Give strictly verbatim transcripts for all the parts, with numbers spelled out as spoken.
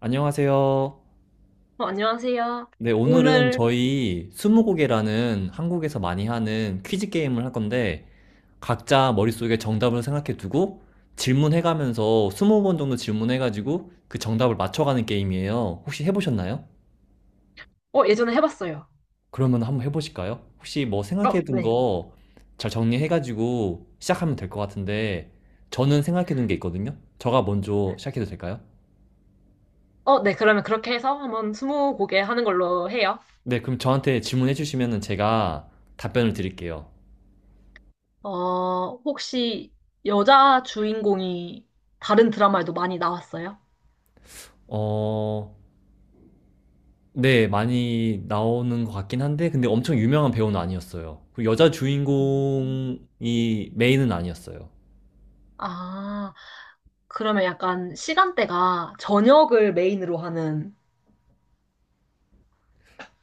안녕하세요. 어, 안녕하세요. 네, 오늘은 오늘, 저희 스무고개라는 한국에서 많이 하는 퀴즈 게임을 할 건데, 각자 머릿속에 정답을 생각해 두고 질문해가면서 이십 번 정도 질문해가지고 그 정답을 맞춰가는 게임이에요. 혹시 해보셨나요? 어, 예전에 해봤어요. 그러면 한번 해보실까요? 혹시 뭐 어, 생각해 둔 네. 거 잘 정리해가지고 시작하면 될 것 같은데, 저는 생각해 둔 게 있거든요. 저가 먼저 시작해도 될까요? 어, 네. 그러면 그렇게 해서 한번 스무 곡에 하는 걸로 해요. 네, 그럼 저한테 질문해 주시면 제가 답변을 드릴게요. 어, 혹시 여자 주인공이 다른 드라마에도 많이 나왔어요? 어, 네, 많이 나오는 것 같긴 한데, 근데 엄청 유명한 배우는 아니었어요. 그리고 여자 주인공이 메인은 아니었어요. 아, 그러면 약간 시간대가 저녁을 메인으로 하는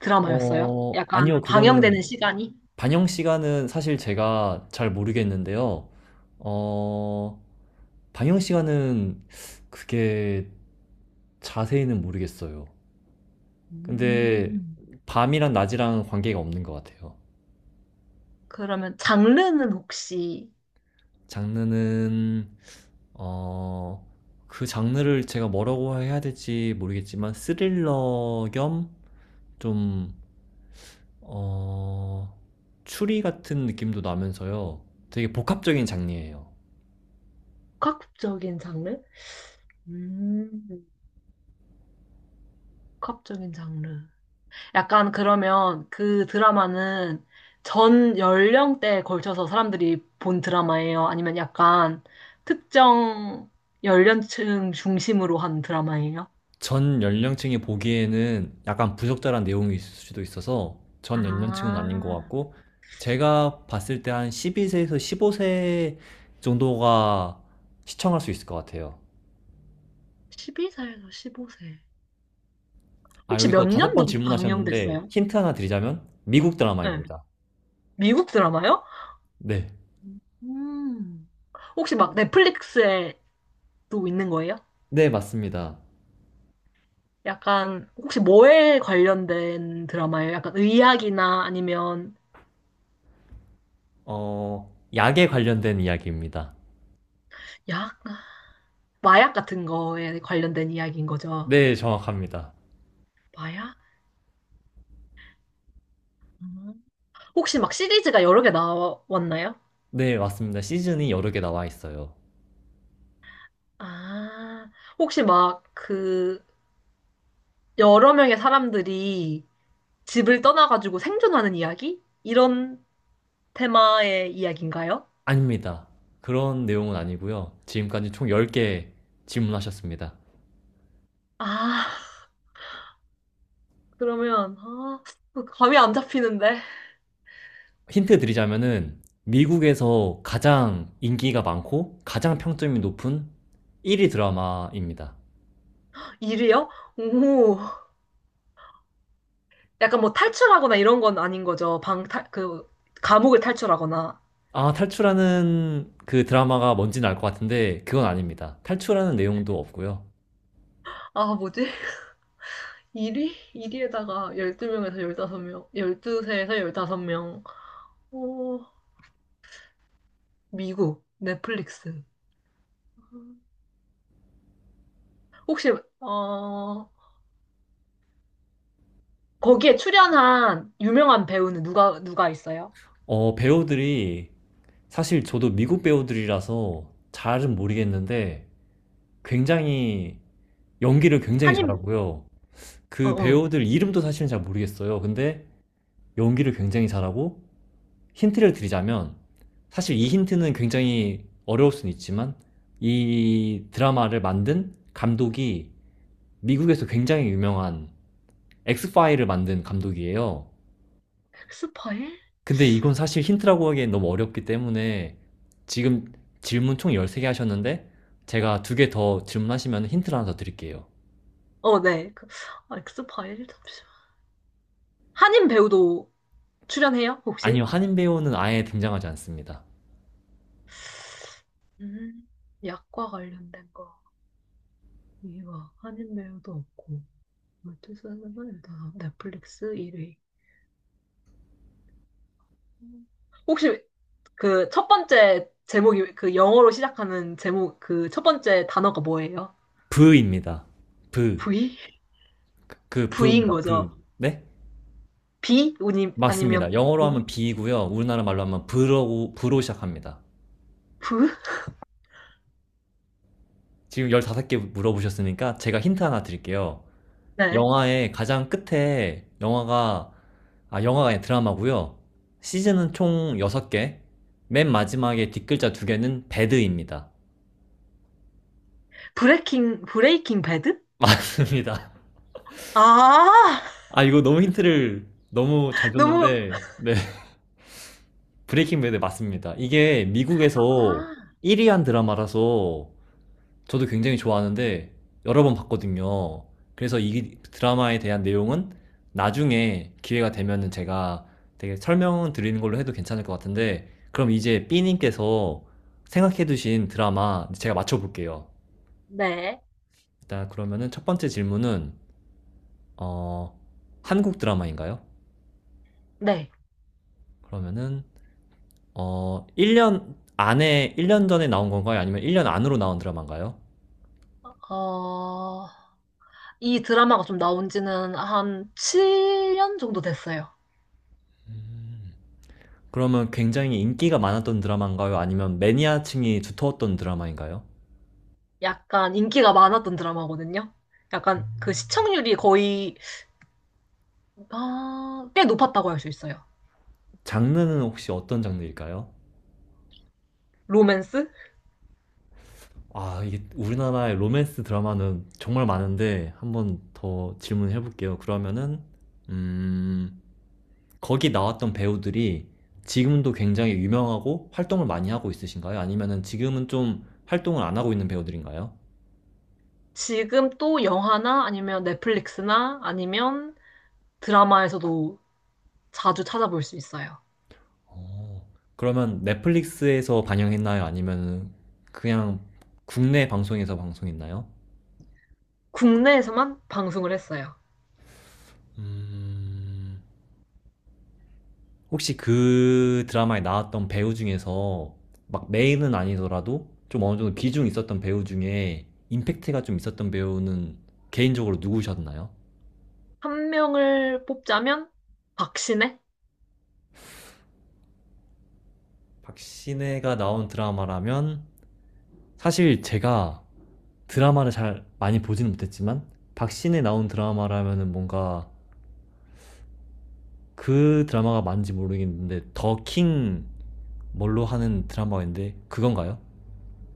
드라마였어요? 어, 약간 아니요, 그거는 방영되는 시간이? 반영 시간은 사실 제가 잘 모르겠는데요. 어, 반영 시간은 그게 자세히는 모르겠어요. 근데 음, 밤이랑 낮이랑 관계가 없는 것 같아요. 그러면 장르는 혹시 장르는 어, 그 장르를 제가 뭐라고 해야 될지 모르겠지만 스릴러 겸 좀, 어, 추리 같은 느낌도 나면서요. 되게 복합적인 장르예요. 복합적인 장르? 음, 복합적인 장르. 약간 그러면 그 드라마는 전 연령대에 걸쳐서 사람들이 본 드라마예요? 아니면 약간 특정 연령층 중심으로 한 드라마예요? 전 연령층이 보기에는 약간 부적절한 내용이 있을 수도 있어서 전 연령층은 아닌 것 아, 같고, 제가 봤을 때 한 십이 세에서 십오 세 정도가 시청할 수 있을 것 같아요. 열두 살에서 십오 세. 아, 혹시 여기서 몇 다섯 년도 번 질문하셨는데, 방영됐어요? 힌트 하나 드리자면, 미국 네. 드라마입니다. 미국 드라마요? 네. 음. 혹시 막 넷플릭스에도 있는 거예요? 네, 맞습니다. 약간 혹시 뭐에 관련된 드라마예요? 약간 의학이나 아니면 어, 약에 관련된 이야기입니다. 약? 마약 같은 거에 관련된 이야기인 거죠. 네, 정확합니다. 마약? 음. 혹시 막 시리즈가 여러 개 나왔나요? 네, 맞습니다. 시즌이 여러 개 나와 있어요. 아, 혹시 막 그 여러 명의 사람들이 집을 떠나가지고 생존하는 이야기? 이런 테마의 이야기인가요? 아닙니다. 그런 내용은 아니고요. 지금까지 총 열 개 질문하셨습니다. 아, 그러면, 아, 그 감이 안 잡히는데. 힌트 드리자면은, 미국에서 가장 인기가 많고, 가장 평점이 높은 일 위 드라마입니다. 일위요. 오, 약간 뭐 탈출하거나 이런 건 아닌 거죠. 방, 탈, 그, 감옥을 탈출하거나. 아, 탈출하는 그 드라마가 뭔지는 알 것 같은데, 그건 아닙니다. 탈출하는 내용도 없고요. 아, 뭐지? 일 위? 일 위에다가 십이 명에서 십오 명, 십이 세에서 십오 명. 어, 미국, 넷플릭스. 혹시, 어, 거기에 출연한 유명한 배우는 누가, 누가 있어요? 어, 배우들이, 사실 저도 미국 배우들이라서 잘은 모르겠는데, 굉장히, 연기를 굉장히 한인, 잘하고요. 어, 그 어. 배우들 이름도 사실은 잘 모르겠어요. 근데 연기를 굉장히 잘하고, 힌트를 드리자면, 사실 이 힌트는 굉장히 어려울 수는 있지만, 이 드라마를 만든 감독이 미국에서 굉장히 유명한 엑스파일을 만든 감독이에요. 엑스파일? 근데 이건 사실 힌트라고 하기엔 너무 어렵기 때문에 지금 질문 총 열세 개 하셨는데 제가 두 개 더 질문하시면 힌트를 하나 더 드릴게요. 어, 네. 그, 아, 엑스파일? 잠시만. 한인 배우도 출연해요, 혹시? 아니요, 한인 배우는 아예 등장하지 않습니다. 음, 약과 관련된 거. 이거, 한인 배우도 없고. 십이 세에서 다 넷플릭스 일 위. 혹시 그 첫 번째 제목이 그 영어로 시작하는 제목 그 첫 번째 단어가 뭐예요? 브입니다. 브. V? 그 V인 브입니다. 브. 거죠. 네? B? 우니- 아니면 맞습니다. 영어로 하면 V? 비이고요. 우리나라 말로 하면 브로, 브로 시작합니다. V? 지금 열다섯 개 물어보셨으니까 제가 힌트 하나 드릴게요. 네. 영화의 가장 끝에 영화가, 아, 영화가 아니라 드라마고요. 시즌은 총 여섯 개. 맨 마지막에 뒷글자 두 개는 배드입니다. 브레이킹 브레이킹 배드? 맞습니다. 아. 아, 이거 너무 힌트를 너무 잘 너무. 줬는데, 네. 브레이킹 배드 맞습니다. 이게 미국에서 아, 일 위 한 드라마라서 저도 굉장히 좋아하는데 여러 번 봤거든요. 그래서 이 드라마에 대한 내용은 나중에 기회가 되면은 제가 되게 설명을 드리는 걸로 해도 괜찮을 것 같은데, 그럼 이제 B님께서 생각해 두신 드라마 제가 맞춰볼게요. 네. 일단 그러면은 첫 번째 질문은 어, 한국 드라마인가요? 네. 그러면은 어, 일 년 안에 일 년 전에 나온 건가요? 아니면 일 년 안으로 나온 드라마인가요? 어, 이 드라마가 좀 나온 지는 한 칠 년 정도 됐어요. 그러면 굉장히 인기가 많았던 드라마인가요? 아니면 매니아층이 두터웠던 드라마인가요? 약간 인기가 많았던 드라마거든요. 약간 그 시청률이 거의 아, 꽤 높았다고 할 수 있어요. 장르는 혹시 어떤 장르일까요? 로맨스? 아, 이게 우리나라의 로맨스 드라마는 정말 많은데 한번 더 질문해 볼게요. 그러면은 음, 거기 나왔던 배우들이 지금도 굉장히 유명하고 활동을 많이 하고 있으신가요? 아니면은 지금은 좀 활동을 안 하고 있는 배우들인가요? 지금 또 영화나 아니면 넷플릭스나 아니면 드라마에서도 자주 찾아볼 수 있어요. 어, 그러면 넷플릭스에서 방영했나요? 아니면 그냥 국내 방송에서 방송했나요? 국내에서만 방송을 했어요. 음, 혹시 그 드라마에 나왔던 배우 중에서 막 메인은 아니더라도 좀 어느 정도 비중 있었던 배우 중에 임팩트가 좀 있었던 배우는 개인적으로 누구셨나요? 한 명을 뽑자면 박신혜? 박신혜가 나온 드라마라면 사실 제가 드라마를 잘 많이 보지는 못했지만 박신혜 나온 드라마라면은 뭔가 그 드라마가 맞는지 모르겠는데, 더킹 뭘로 하는 드라마인데 그건가요?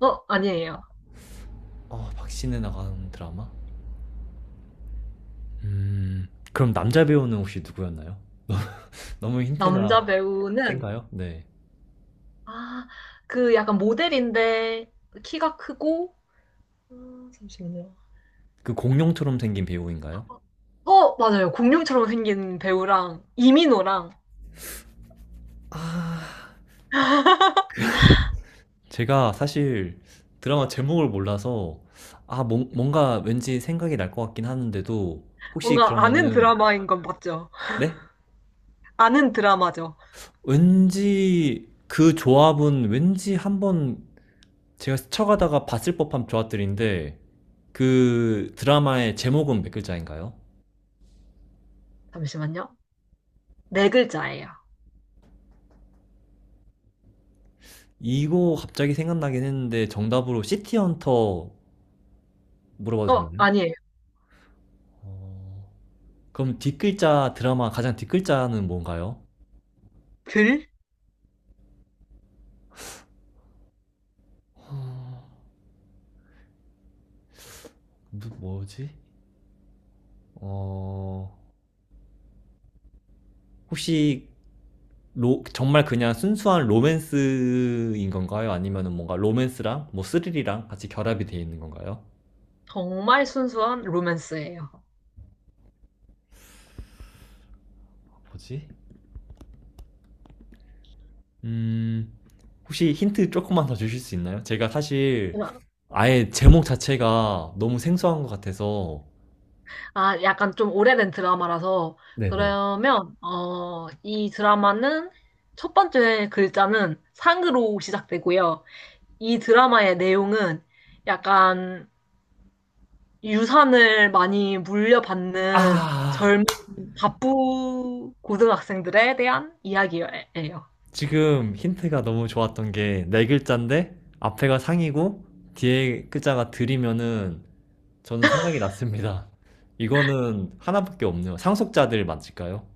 어, 아니에요. 어, 박신혜 나는 드라마? 음, 그럼 남자 배우는 혹시 누구였나요? 너무 힌트가 남자 배우는 센가요? 네. 아, 그 약간 모델인데 키가 크고 음, 잠시만요. 그 공룡처럼 생긴 배우인가요? 어, 맞아요. 공룡처럼 생긴 배우랑 이민호랑 아, 제가 사실 드라마 제목을 몰라서, 아, 뭔- 뭔가 왠지 생각이 날 것 같긴 하는데도, 혹시 뭔가 아는 그러면은, 드라마인 건 맞죠? 네? 아는 드라마죠. 왠지 그 조합은 왠지 한번 제가 스쳐가다가 봤을 법한 조합들인데, 그 드라마의 제목은 몇 글자인가요? 잠시만요. 네 글자예요. 이거 갑자기 생각나긴 했는데 정답으로 시티헌터 물어봐도 어, 되나요? 아니에요. 어, 그럼 뒷글자 드라마 가장 뒷글자는 뭔가요? 글? 어, 뭐, 뭐지? 어, 혹시 로, 정말 그냥 순수한 로맨스인 건가요? 아니면 뭔가 로맨스랑 뭐 스릴이랑 같이 결합이 되어 있는 건가요? 정말 순수한 로맨스예요. 뭐지? 음, 혹시 힌트 조금만 더 주실 수 있나요? 제가 사실 그럼, 아예 제목 자체가 너무 생소한 것 같아서 아, 약간 좀 오래된 드라마라서 네네. 그러면 어, 이 드라마는 첫 번째 글자는 상으로 시작되고요. 이 드라마의 내용은 약간 유산을 많이 물려받는 아, 젊은 바쁘 고등학생들에 대한 이야기예요. 지금 힌트가 너무 좋았던 게 네 글자인데 앞에가 상이고 뒤에 글자가 들이면은 저는 생각이 났습니다. 이거는 하나밖에 없네요. 상속자들 맞을까요?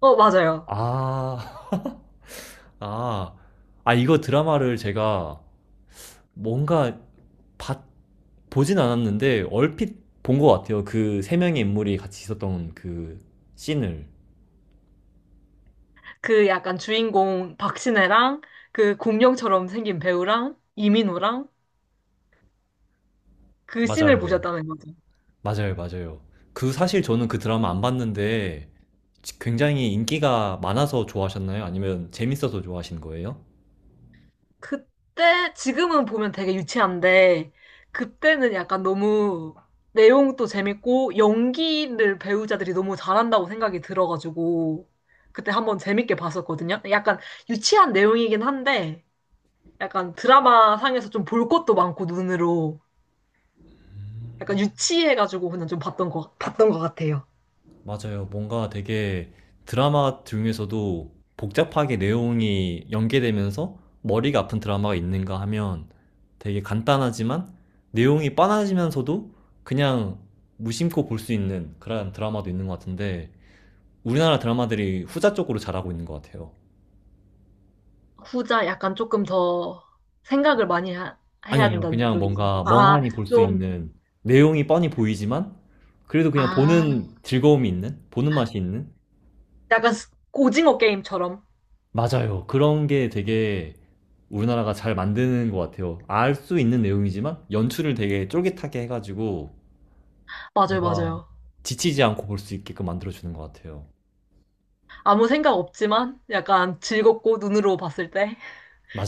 어, 맞아요. 아, 아, 아 이거 드라마를 제가 뭔가 봤, 보진 않았는데 얼핏 본 것 같아요. 그 세 명의 인물이 같이 있었던 그 씬을. 그 약간 주인공 박신혜랑 그 공룡처럼 생긴 배우랑 이민호랑 그 씬을 맞아요. 보셨다는 거죠. 맞아요, 맞아요. 그 사실 저는 그 드라마 안 봤는데 굉장히 인기가 많아서 좋아하셨나요? 아니면 재밌어서 좋아하신 거예요? 그때, 지금은 보면 되게 유치한데, 그때는 약간 너무 내용도 재밌고, 연기를 배우자들이 너무 잘한다고 생각이 들어가지고, 그때 한번 재밌게 봤었거든요. 약간 유치한 내용이긴 한데, 약간 드라마 상에서 좀 볼 것도 많고, 눈으로. 약간 유치해가지고 그냥 좀 봤던 거, 봤던 것 같아요. 맞아요. 뭔가 되게 드라마 중에서도 복잡하게 내용이 연계되면서 머리가 아픈 드라마가 있는가 하면 되게 간단하지만 내용이 뻔하지면서도 그냥 무심코 볼 수 있는 그런 드라마도 있는 것 같은데, 우리나라 드라마들이 후자 쪽으로 잘하고 있는 것 같아요. 후자 약간 조금 더 생각을 많이 하- 아니, 해야 아니요. 된다는 그냥 쪽이지. 뭔가 아, 멍하니 볼 수 좀, 있는, 내용이 뻔히 보이지만, 그래도 그냥 아. 보는 즐거움이 있는, 보는 맛이 있는? 약간 스- 오징어 게임처럼. 맞아요. 그런 게 되게 우리나라가 잘 만드는 것 같아요. 알 수 있는 내용이지만, 연출을 되게 쫄깃하게 해가지고, 맞아요, 뭔가 맞아요. 지치지 않고 볼 수 있게끔 만들어주는 것 같아요. 아무 생각 없지만 약간 즐겁고 눈으로 봤을 때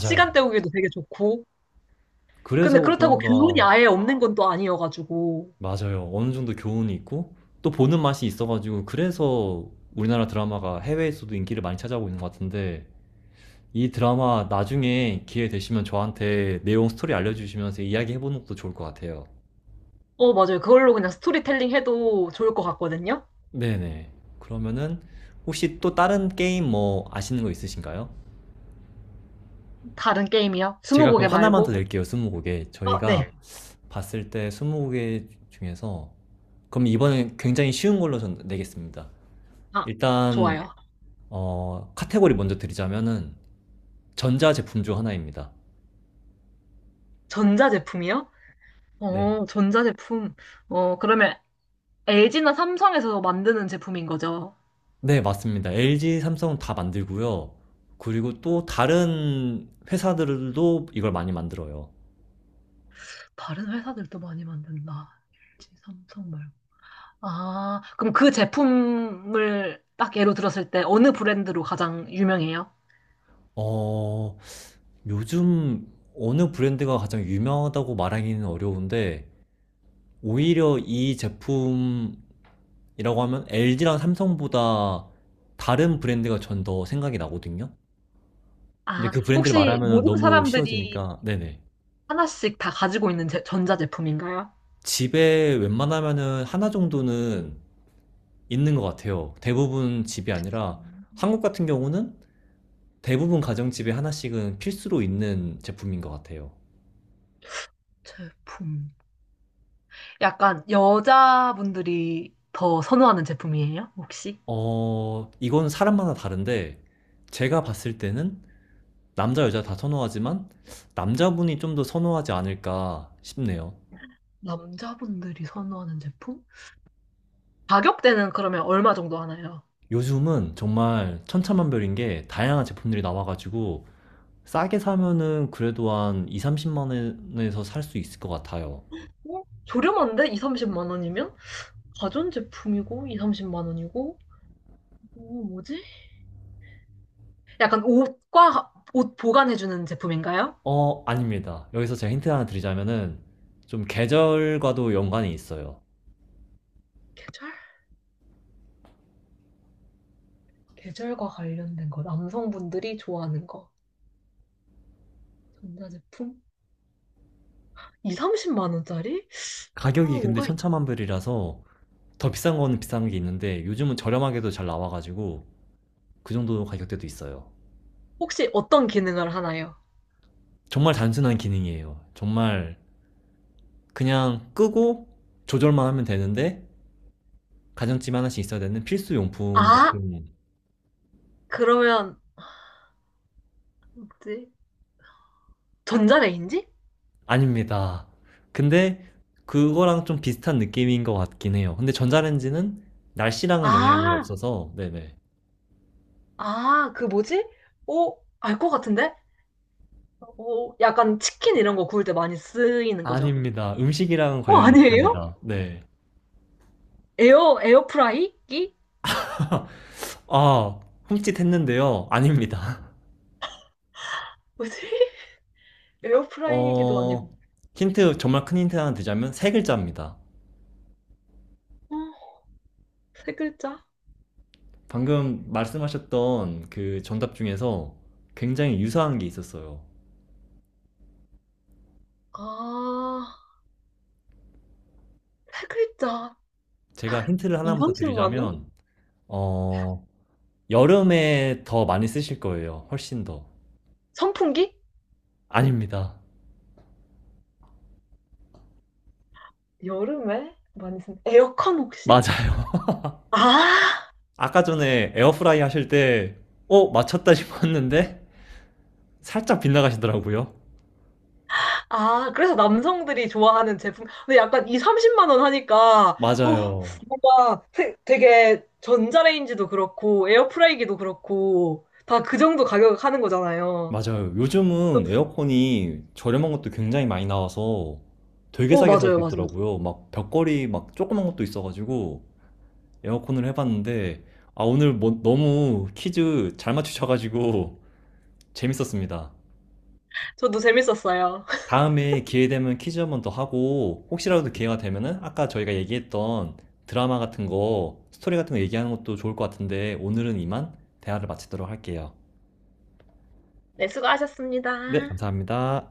시간 때우기도 되게 좋고. 그래서 근데 그렇다고 교훈이 그런가, 아예 없는 건 또 아니어가지고. 맞아요. 어느 정도 교훈이 있고, 또 보는 맛이 있어가지고, 그래서 우리나라 드라마가 해외에서도 인기를 많이 찾아오고 있는 것 같은데, 이 드라마 나중에 기회 되시면 저한테 내용 스토리 알려주시면서 이야기해보는 것도 좋을 것 같아요. 어, 맞아요. 그걸로 그냥 스토리텔링 해도 좋을 것 같거든요. 네네. 그러면은 혹시 또 다른 게임 뭐 아시는 거 있으신가요? 다른 게임이요? 제가 그럼 스무고개 하나만 더 말고? 낼게요, 스무고개. 어, 저희가 네. 봤을 때 스무고개 중에서 그럼 이번엔 굉장히 쉬운 걸로 전 내겠습니다. 아, 일단 네. 좋아요. 어, 카테고리 먼저 드리자면은 전자제품 중 하나입니다. 전자제품이요? 네. 어, 전자제품. 어, 그러면 엘지나 삼성에서 만드는 제품인 거죠? 네, 맞습니다. 엘지, 삼성 다 만들고요. 그리고 또 다른 회사들도 이걸 많이 만들어요. 다른 회사들도 많이 만든다. 엘지, 삼성 말고. 아, 그럼 그 제품을 딱 예로 들었을 때 어느 브랜드로 가장 유명해요? 어, 요즘 어느 브랜드가 가장 유명하다고 말하기는 어려운데, 오히려 이 제품이라고 하면 엘지랑 삼성보다 다른 브랜드가 전 더 생각이 나거든요. 근데 아, 그 브랜드를 혹시 말하면 모든 너무 사람들이 쉬워지니까, 네네. 하나씩 다 가지고 있는 제- 전자제품인가요? 집에 웬만하면은 하나 정도는 있는 것 같아요. 대부분 집이 아니라, 한국 음, 같은 경우는 대부분 가정집에 하나씩은 필수로 있는 제품인 것 같아요. 제품. 약간 여자분들이 더 선호하는 제품이에요, 혹시? 어, 이건 사람마다 다른데, 제가 봤을 때는 남자, 여자 다 선호하지만, 남자분이 좀 더 선호하지 않을까 싶네요. 남자분들이 선호하는 제품? 가격대는 그러면 얼마 정도 하나요? 요즘은 정말 천차만별인 게 다양한 제품들이 나와가지고, 싸게 사면은 그래도 한 이, 삼십만 원에서 살 수 있을 것 같아요. 어? 저렴한데? 이, 삼십만 원이면? 가전제품이고, 이, 삼십만 원이고, 어, 뭐지? 약간 옷과 옷 보관해주는 제품인가요? 어, 아닙니다. 여기서 제가 힌트 하나 드리자면은, 좀 계절과도 연관이 있어요. 계절? 계절과 관련된 거. 남성분들이 좋아하는 거. 전자제품? 이, 삼십만 원짜리? 아, 가격이 근데 뭐가 있... 천차만별이라서, 더 비싼 건 비싼 게 있는데 요즘은 저렴하게도 잘 나와가지고 그 정도 가격대도 있어요. 혹시 어떤 기능을 하나요? 정말 단순한 기능이에요. 정말 그냥 끄고 조절만 하면 되는데 가정집에 하나씩 있어야 되는 필수 용품 아, 같은. 그러면 뭐지? 전자레인지? 아닙니다. 근데 그거랑 좀 비슷한 느낌인 것 같긴 해요. 근데 전자레인지는 날씨랑은 영향이 아, 없어서 네네. 아, 그 뭐지? 오, 알 것 같은데? 오, 약간 치킨 이런 거 구울 때 많이 쓰이는 거죠. 아닙니다. 음식이랑 어, 관련이 아니에요? 없습니다. 네. 에어, 에어프라이기? 아, 흠칫했는데요. 아닙니다. 뭐지? 에어프라이기도 아니고. 어, 힌트, 정말 큰 힌트 하나 드자면 세 글자입니다. 어, 세 글자? 방금 말씀하셨던 그 정답 중에서 굉장히 유사한 게 있었어요. 아, 세 글자. 제가 힌트를 이, 하나만 더 삼십만 원? 드리자면, 어, 여름에 더 많이 쓰실 거예요. 훨씬 더. 선풍기? 아닙니다. 여름에 많이 쓴 에어컨 혹시? 맞아요. 아, 아까 전에 에어프라이 하실 때, 어, 맞췄다 싶었는데, 살짝 빗나가시더라고요. 아, 그래서 남성들이 좋아하는 제품. 근데 약간 이, 삼십만 원 하니까, 오, 맞아요. 뭔가 세- 되게 전자레인지도 그렇고, 에어프라이기도 그렇고, 다 그 정도 가격 하는 거잖아요. 맞아요. 요즘은 에어컨이 저렴한 것도 굉장히 많이 나와서 되게 오, 싸게 살 수 맞아요, 맞아요. 있더라고요. 막 벽걸이 막 조그만 것도 있어가지고 에어컨을 해봤는데, 아 오늘 뭐 너무 퀴즈 잘 맞추셔가지고 재밌었습니다. 저도 재밌었어요. 다음에 기회 되면 퀴즈 한 번 더 하고 혹시라도 기회가 되면은 아까 저희가 얘기했던 드라마 같은 거 스토리 같은 거 얘기하는 것도 좋을 것 같은데 오늘은 이만 대화를 마치도록 할게요. 네, 수고하셨습니다. 네, 감사합니다.